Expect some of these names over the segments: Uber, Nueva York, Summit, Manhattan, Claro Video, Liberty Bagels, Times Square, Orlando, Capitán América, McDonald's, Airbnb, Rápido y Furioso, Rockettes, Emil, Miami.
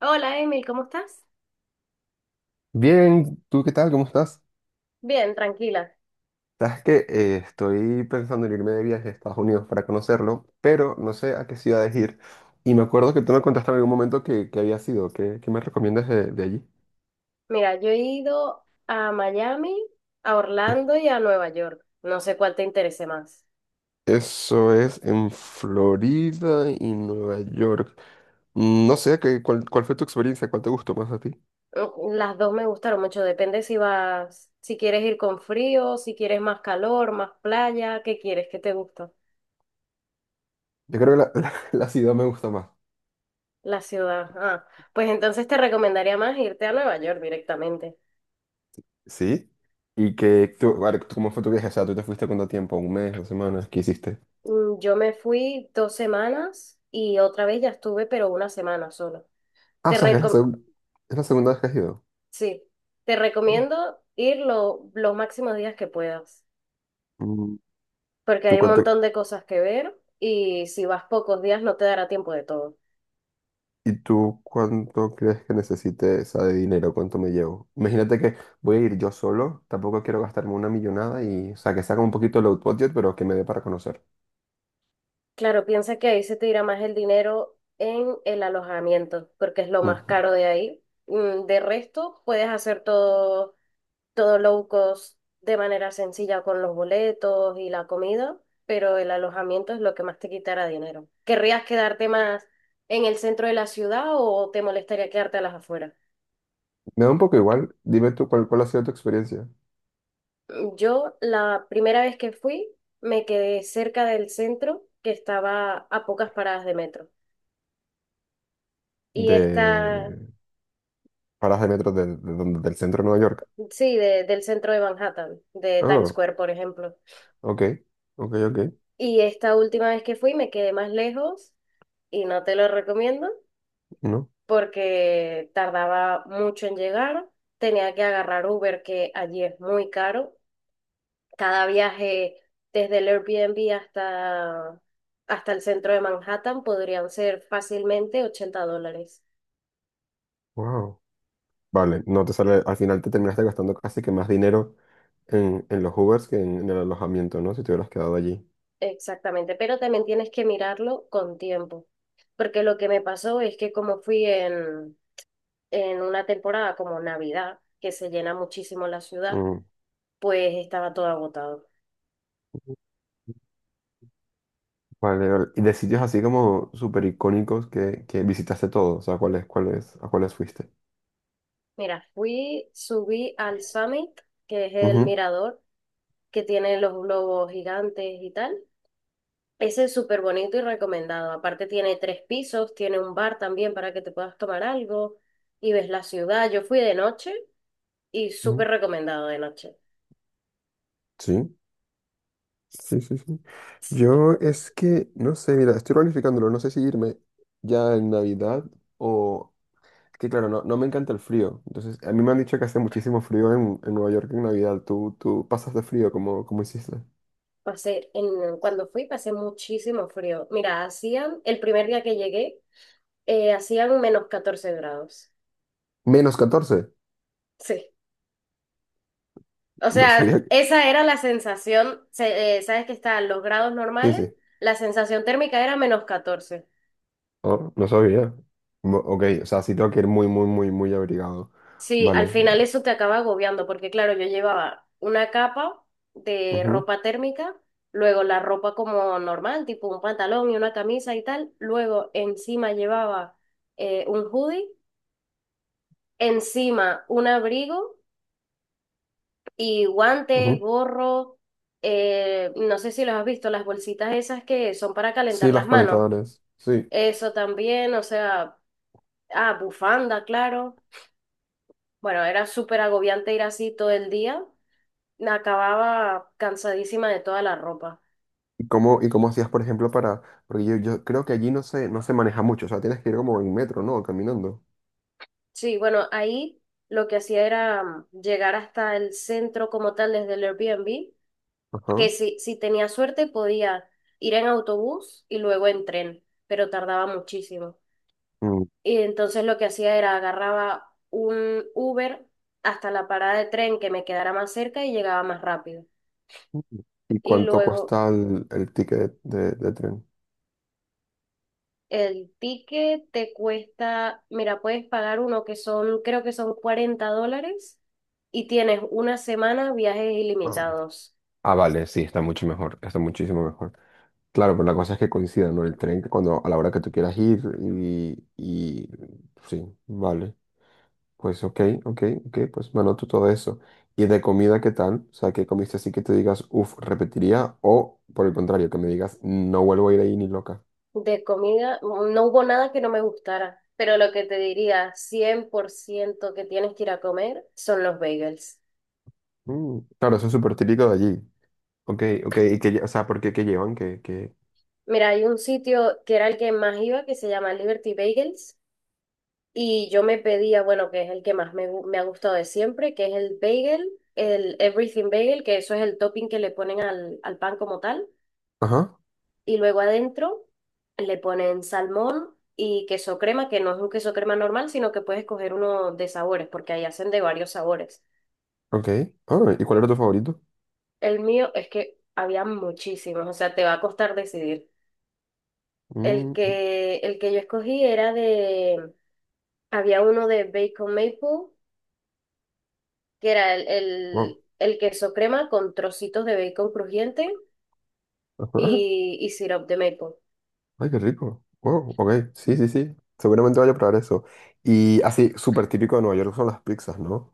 Hola Emil, ¿cómo estás? Bien, ¿tú qué tal? ¿Cómo estás? Bien, tranquila. Sabes que estoy pensando en irme de viaje a Estados Unidos para conocerlo, pero no sé a qué ciudades ir. Y me acuerdo que tú me contaste en algún momento que había sido. ¿Qué me recomiendas de allí? Mira, yo he ido a Miami, a Orlando y a Nueva York. No sé cuál te interese más. Eso es en Florida y Nueva York. No sé, ¿cuál fue tu experiencia? ¿Cuál te gustó más a ti? Las dos me gustaron mucho, depende si vas, si quieres ir con frío, si quieres más calor, más playa. ¿Qué quieres? ¿Qué te gusta? Yo creo que la ciudad me gusta más. La ciudad. Ah, pues entonces te recomendaría más irte a Nueva York directamente. ¿Sí? ¿Y que tú, vale, cómo fue tu viaje? O sea, ¿tú te fuiste cuánto tiempo? ¿Un mes? ¿Dos semanas? ¿Qué hiciste? Yo me fui 2 semanas y otra vez ya estuve, pero una semana solo. Ah, o Te, sea, que es reco- es la segunda vez que has ido. Sí, te recomiendo ir los máximos días que puedas, Mm, porque ¿Tú hay un cuánto, montón de cosas que ver y si vas pocos días no te dará tiempo de todo. y tú cuánto crees que necesite, o sea, de dinero? ¿Cuánto me llevo? Imagínate que voy a ir yo solo, tampoco quiero gastarme una millonada y, o sea, que saca un poquito low budget, pero que me dé para conocer. Claro, piensa que ahí se te irá más el dinero en el alojamiento, porque es lo más Ujú. caro de ahí. De resto, puedes hacer todo, todo low cost de manera sencilla con los boletos y la comida, pero el alojamiento es lo que más te quitará dinero. ¿Querrías quedarte más en el centro de la ciudad o te molestaría quedarte a las afueras? Me da un poco igual. Dime tú cuál ha sido tu experiencia Yo la primera vez que fui me quedé cerca del centro, que estaba a pocas paradas de metro. Y está, de paradas de metro del centro de Nueva York. sí, del centro de Manhattan, de Times Ah, Square, por ejemplo. ok, ok, ok. Y esta última vez que fui me quedé más lejos y no te lo recomiendo No, porque tardaba mucho en llegar. Tenía que agarrar Uber, que allí es muy caro. Cada viaje desde el Airbnb hasta el centro de Manhattan podrían ser fácilmente $80. wow. Vale, no te sale, al final te terminaste gastando casi que más dinero en los Ubers que en el alojamiento, ¿no? Si te hubieras quedado allí. Exactamente, pero también tienes que mirarlo con tiempo, porque lo que me pasó es que como fui en una temporada como Navidad, que se llena muchísimo la ciudad, Mm. pues estaba todo agotado. Vale, vale. Y de sitios así como súper icónicos que visitaste todos, o sea, ¿a cuáles fuiste? Mira, fui, subí al Summit, que es el Ujú, mirador que tiene los globos gigantes y tal. Ese es súper bonito y recomendado. Aparte tiene 3 pisos, tiene un bar también para que te puedas tomar algo y ves la ciudad. Yo fui de noche y ujú. súper recomendado de noche. Sí, sí, sí, sí. Sí. Yo es que, no sé, mira, estoy planificándolo, no sé si irme ya en Navidad o... Es que claro, no, no me encanta el frío. Entonces, a mí me han dicho que hace muchísimo frío en Nueva York en Navidad. ¿Tú pasas de frío como hiciste? Pasé, cuando fui pasé muchísimo frío. Mira, hacían, el primer día que llegué, hacían -14 grados. Menos 14. Sí. O No sea, sabía que... esa era la sensación. Sabes que están los grados Sí, normales, sí. la sensación térmica era -14. Oh, no sabía. Mo- ok, o sea, sí tengo que ir muy abrigado. Sí, al Vale. final eso te acaba agobiando, porque claro, yo llevaba una capa de Ujú, ropa térmica, luego la ropa como normal, tipo un pantalón y una camisa y tal, luego encima llevaba un hoodie, encima un abrigo y guantes, ujú. gorro, no sé si los has visto, las bolsitas esas que son para Sí, calentar las las manos, calentadoras. Sí. eso también. O sea, ah, bufanda, claro. Bueno, era súper agobiante ir así todo el día. Acababa cansadísima de toda la ropa. ¿Y cómo hacías, por ejemplo, para...? Porque yo creo que allí no se maneja mucho. O sea, tienes que ir como en metro, ¿no? Caminando. Sí, bueno, ahí lo que hacía era llegar hasta el centro como tal desde el Airbnb, Ajá. que si tenía suerte podía ir en autobús y luego en tren, pero tardaba muchísimo. Mm. Y entonces lo que hacía era agarraba un Uber hasta la parada de tren que me quedara más cerca y llegaba más rápido. ¿Y Y cuánto luego, cuesta el ticket de tren? el ticket te cuesta, mira, puedes pagar uno que son, creo que son $40 y tienes una semana viajes Ah. ilimitados. Ah, vale, sí, está mucho mejor. Está muchísimo mejor. Claro, pero la cosa es que coincida, ¿no? El tren que cuando, a la hora que tú quieras ir y... Sí, vale. Pues ok, ok, ok, pues me anoto todo eso. ¿Y de comida qué tal? O sea, ¿qué comiste así que te digas, uff, repetiría? O por el contrario, que me digas, no vuelvo a ir ahí ni loca. De comida, no hubo nada que no me gustara, pero lo que te diría 100% que tienes que ir a comer son los bagels. Mm, claro, eso es súper típico de allí. Ok, ok, y que, o sea, ¿por qué qué llevan? Que Mira, hay un sitio que era el que más iba que se llama Liberty Bagels. Y yo me pedía, bueno, que es el que más me ha gustado de siempre, que es el bagel, el everything bagel, que eso es el topping que le ponen al, al pan como tal. ajá, Y luego adentro le ponen salmón y queso crema, que no es un queso crema normal, sino que puedes coger uno de sabores, porque ahí hacen de varios sabores. ok. Ah, ¿y cuál era tu favorito? El mío es que había muchísimos, o sea, te va a costar decidir. El Mm, que, el que yo escogí era había uno de bacon maple que era el, wow. el, el queso crema con trocitos de bacon crujiente Ajá. y syrup de maple. Ay, qué rico. Wow, ok, sí, sí, sí. Seguramente vaya a probar eso. Y así, súper típico de Nueva York son las pizzas, ¿no?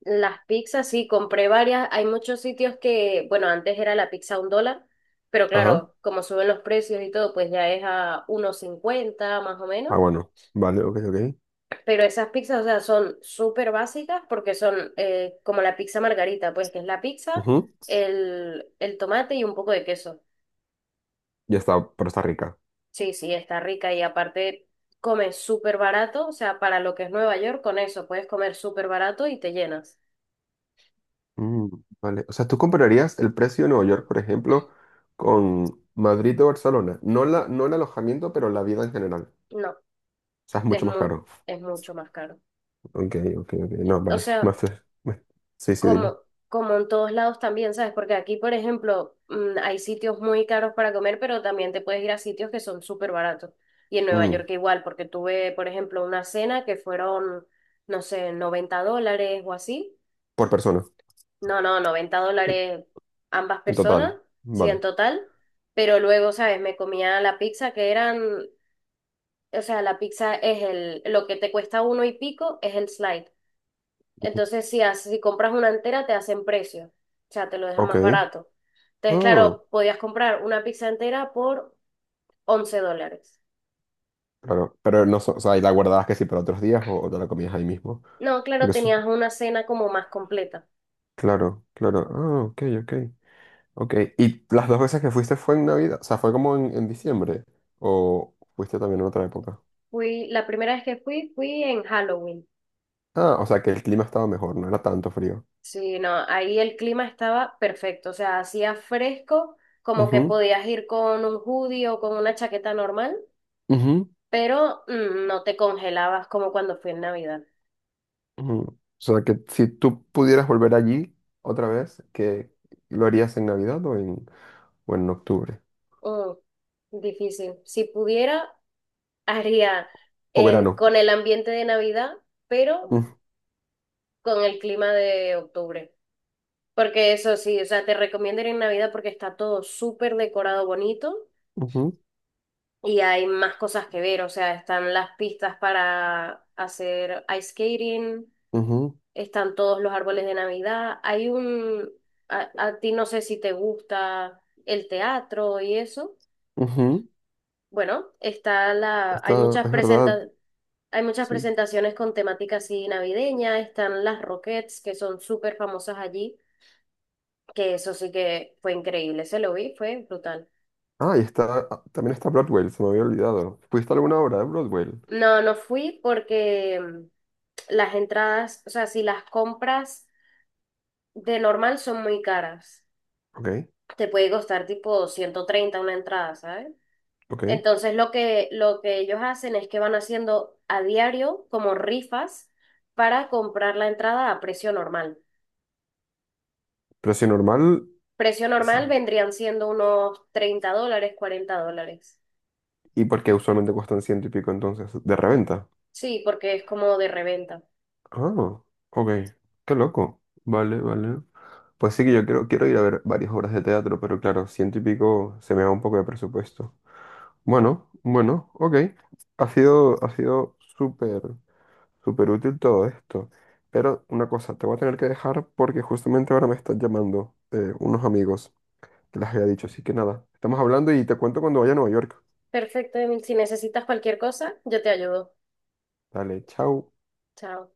Las pizzas, sí, compré varias. Hay muchos sitios que, bueno, antes era la pizza a $1, pero Ajá. claro, como suben los precios y todo, pues ya es a uno cincuenta más o menos. Ah, bueno. Vale, ok, ok. Pero esas pizzas, o sea, son súper básicas porque son como la pizza margarita, pues que es la pizza, Ujú. El tomate y un poco de queso. Ya está, pero está rica. Sí, sí, está rica y aparte comes súper barato, o sea, para lo que es Nueva York, con eso puedes comer súper barato y te llenas. Mm, vale. O sea, tú compararías el precio de Nueva York, por ejemplo, con Madrid o Barcelona. No el alojamiento, pero la vida en general. No, O sea, es es mucho más muy, caro. es mucho más caro. Ok, ok, ok. No, O vale. sea, Más, fe- me- Sí, sí, dime. como, como en todos lados también, ¿sabes? Porque aquí, por ejemplo, hay sitios muy caros para comer, pero también te puedes ir a sitios que son súper baratos. Y en Nueva Mm, York igual, porque tuve, por ejemplo, una cena que fueron, no sé, $90 o así. por persona, No, no, 90 en, dólares ambas en personas, total. sí, en Vale. total. Pero luego, ¿sabes? Me comía la pizza que eran, o sea, la pizza es el, lo que te cuesta uno y pico es el slide. Entonces, si, si compras una entera, te hacen precio. O sea, te lo deja Ok. más barato. Entonces, Ah, claro, podías comprar una pizza entera por $11. claro. Pero no, so- o sea, ¿y la guardabas que sí para otros días o te la comías ahí mismo? No, claro, Porque eso, tenías una cena como más completa. claro, claro. Ah, ok, ok. Ok, ¿y las dos veces que fuiste fue en Navidad? O sea, ¿fue como en diciembre? ¿O fuiste también en otra época? Fui, la primera vez que fui, fui en Halloween. Ah, o sea, que el clima estaba mejor, no era tanto frío. Sí, no, ahí el clima estaba perfecto, o sea, hacía fresco, como que Ujú, podías ir con un hoodie o con una chaqueta normal, ujú, pero no te congelabas como cuando fui en Navidad. ujú. O sea, que si tú pudieras volver allí otra vez, ¿qué lo harías en Navidad o en octubre? Mm, difícil. Si pudiera, haría O verano. con el ambiente de Navidad, pero Mm, con el clima de octubre. Porque eso sí, o sea, te recomiendo ir en Navidad porque está todo súper decorado bonito. ujú, Y hay más cosas que ver, o sea, están las pistas para hacer ice skating, ujú, están todos los árboles de Navidad, hay un... A, a ti no sé si te gusta el teatro y eso. ujú. Bueno, está la... Hay Está, muchas es verdad, presenta- hay muchas sí. presentaciones con temática así navideña, están las Rockettes, que son súper famosas allí, que eso sí que fue increíble, se lo vi, fue brutal. Ah, y está, ah, también está Broadway, se me había olvidado. ¿Fuiste a alguna obra de Broadway? No, no fui porque las entradas, o sea, si las compras... de normal son muy caras. Ok, Te puede costar tipo 130 una entrada, ¿sabes? ok. Entonces lo que ellos hacen es que van haciendo a diario como rifas para comprar la entrada a precio normal. Pero si normal... Precio normal sí. vendrían siendo unos $30, $40. ¿Y por qué usualmente cuestan ciento y pico entonces? ¿De reventa? Sí, porque es como de reventa. Ah, ok. Qué loco. Vale, vale. Pues sí que quiero ir a ver varias obras de teatro, pero claro, ciento y pico se me va un poco de presupuesto. Bueno, bueno, ok. Ha sido súper, súper útil todo esto. Pero una cosa, te voy a tener que dejar porque justamente ahora me están llamando unos amigos que les había dicho. Así que nada, estamos hablando y te cuento cuando vaya a Nueva York. Perfecto, Emil. Si necesitas cualquier cosa, yo te ayudo. Dale, chao. Chao.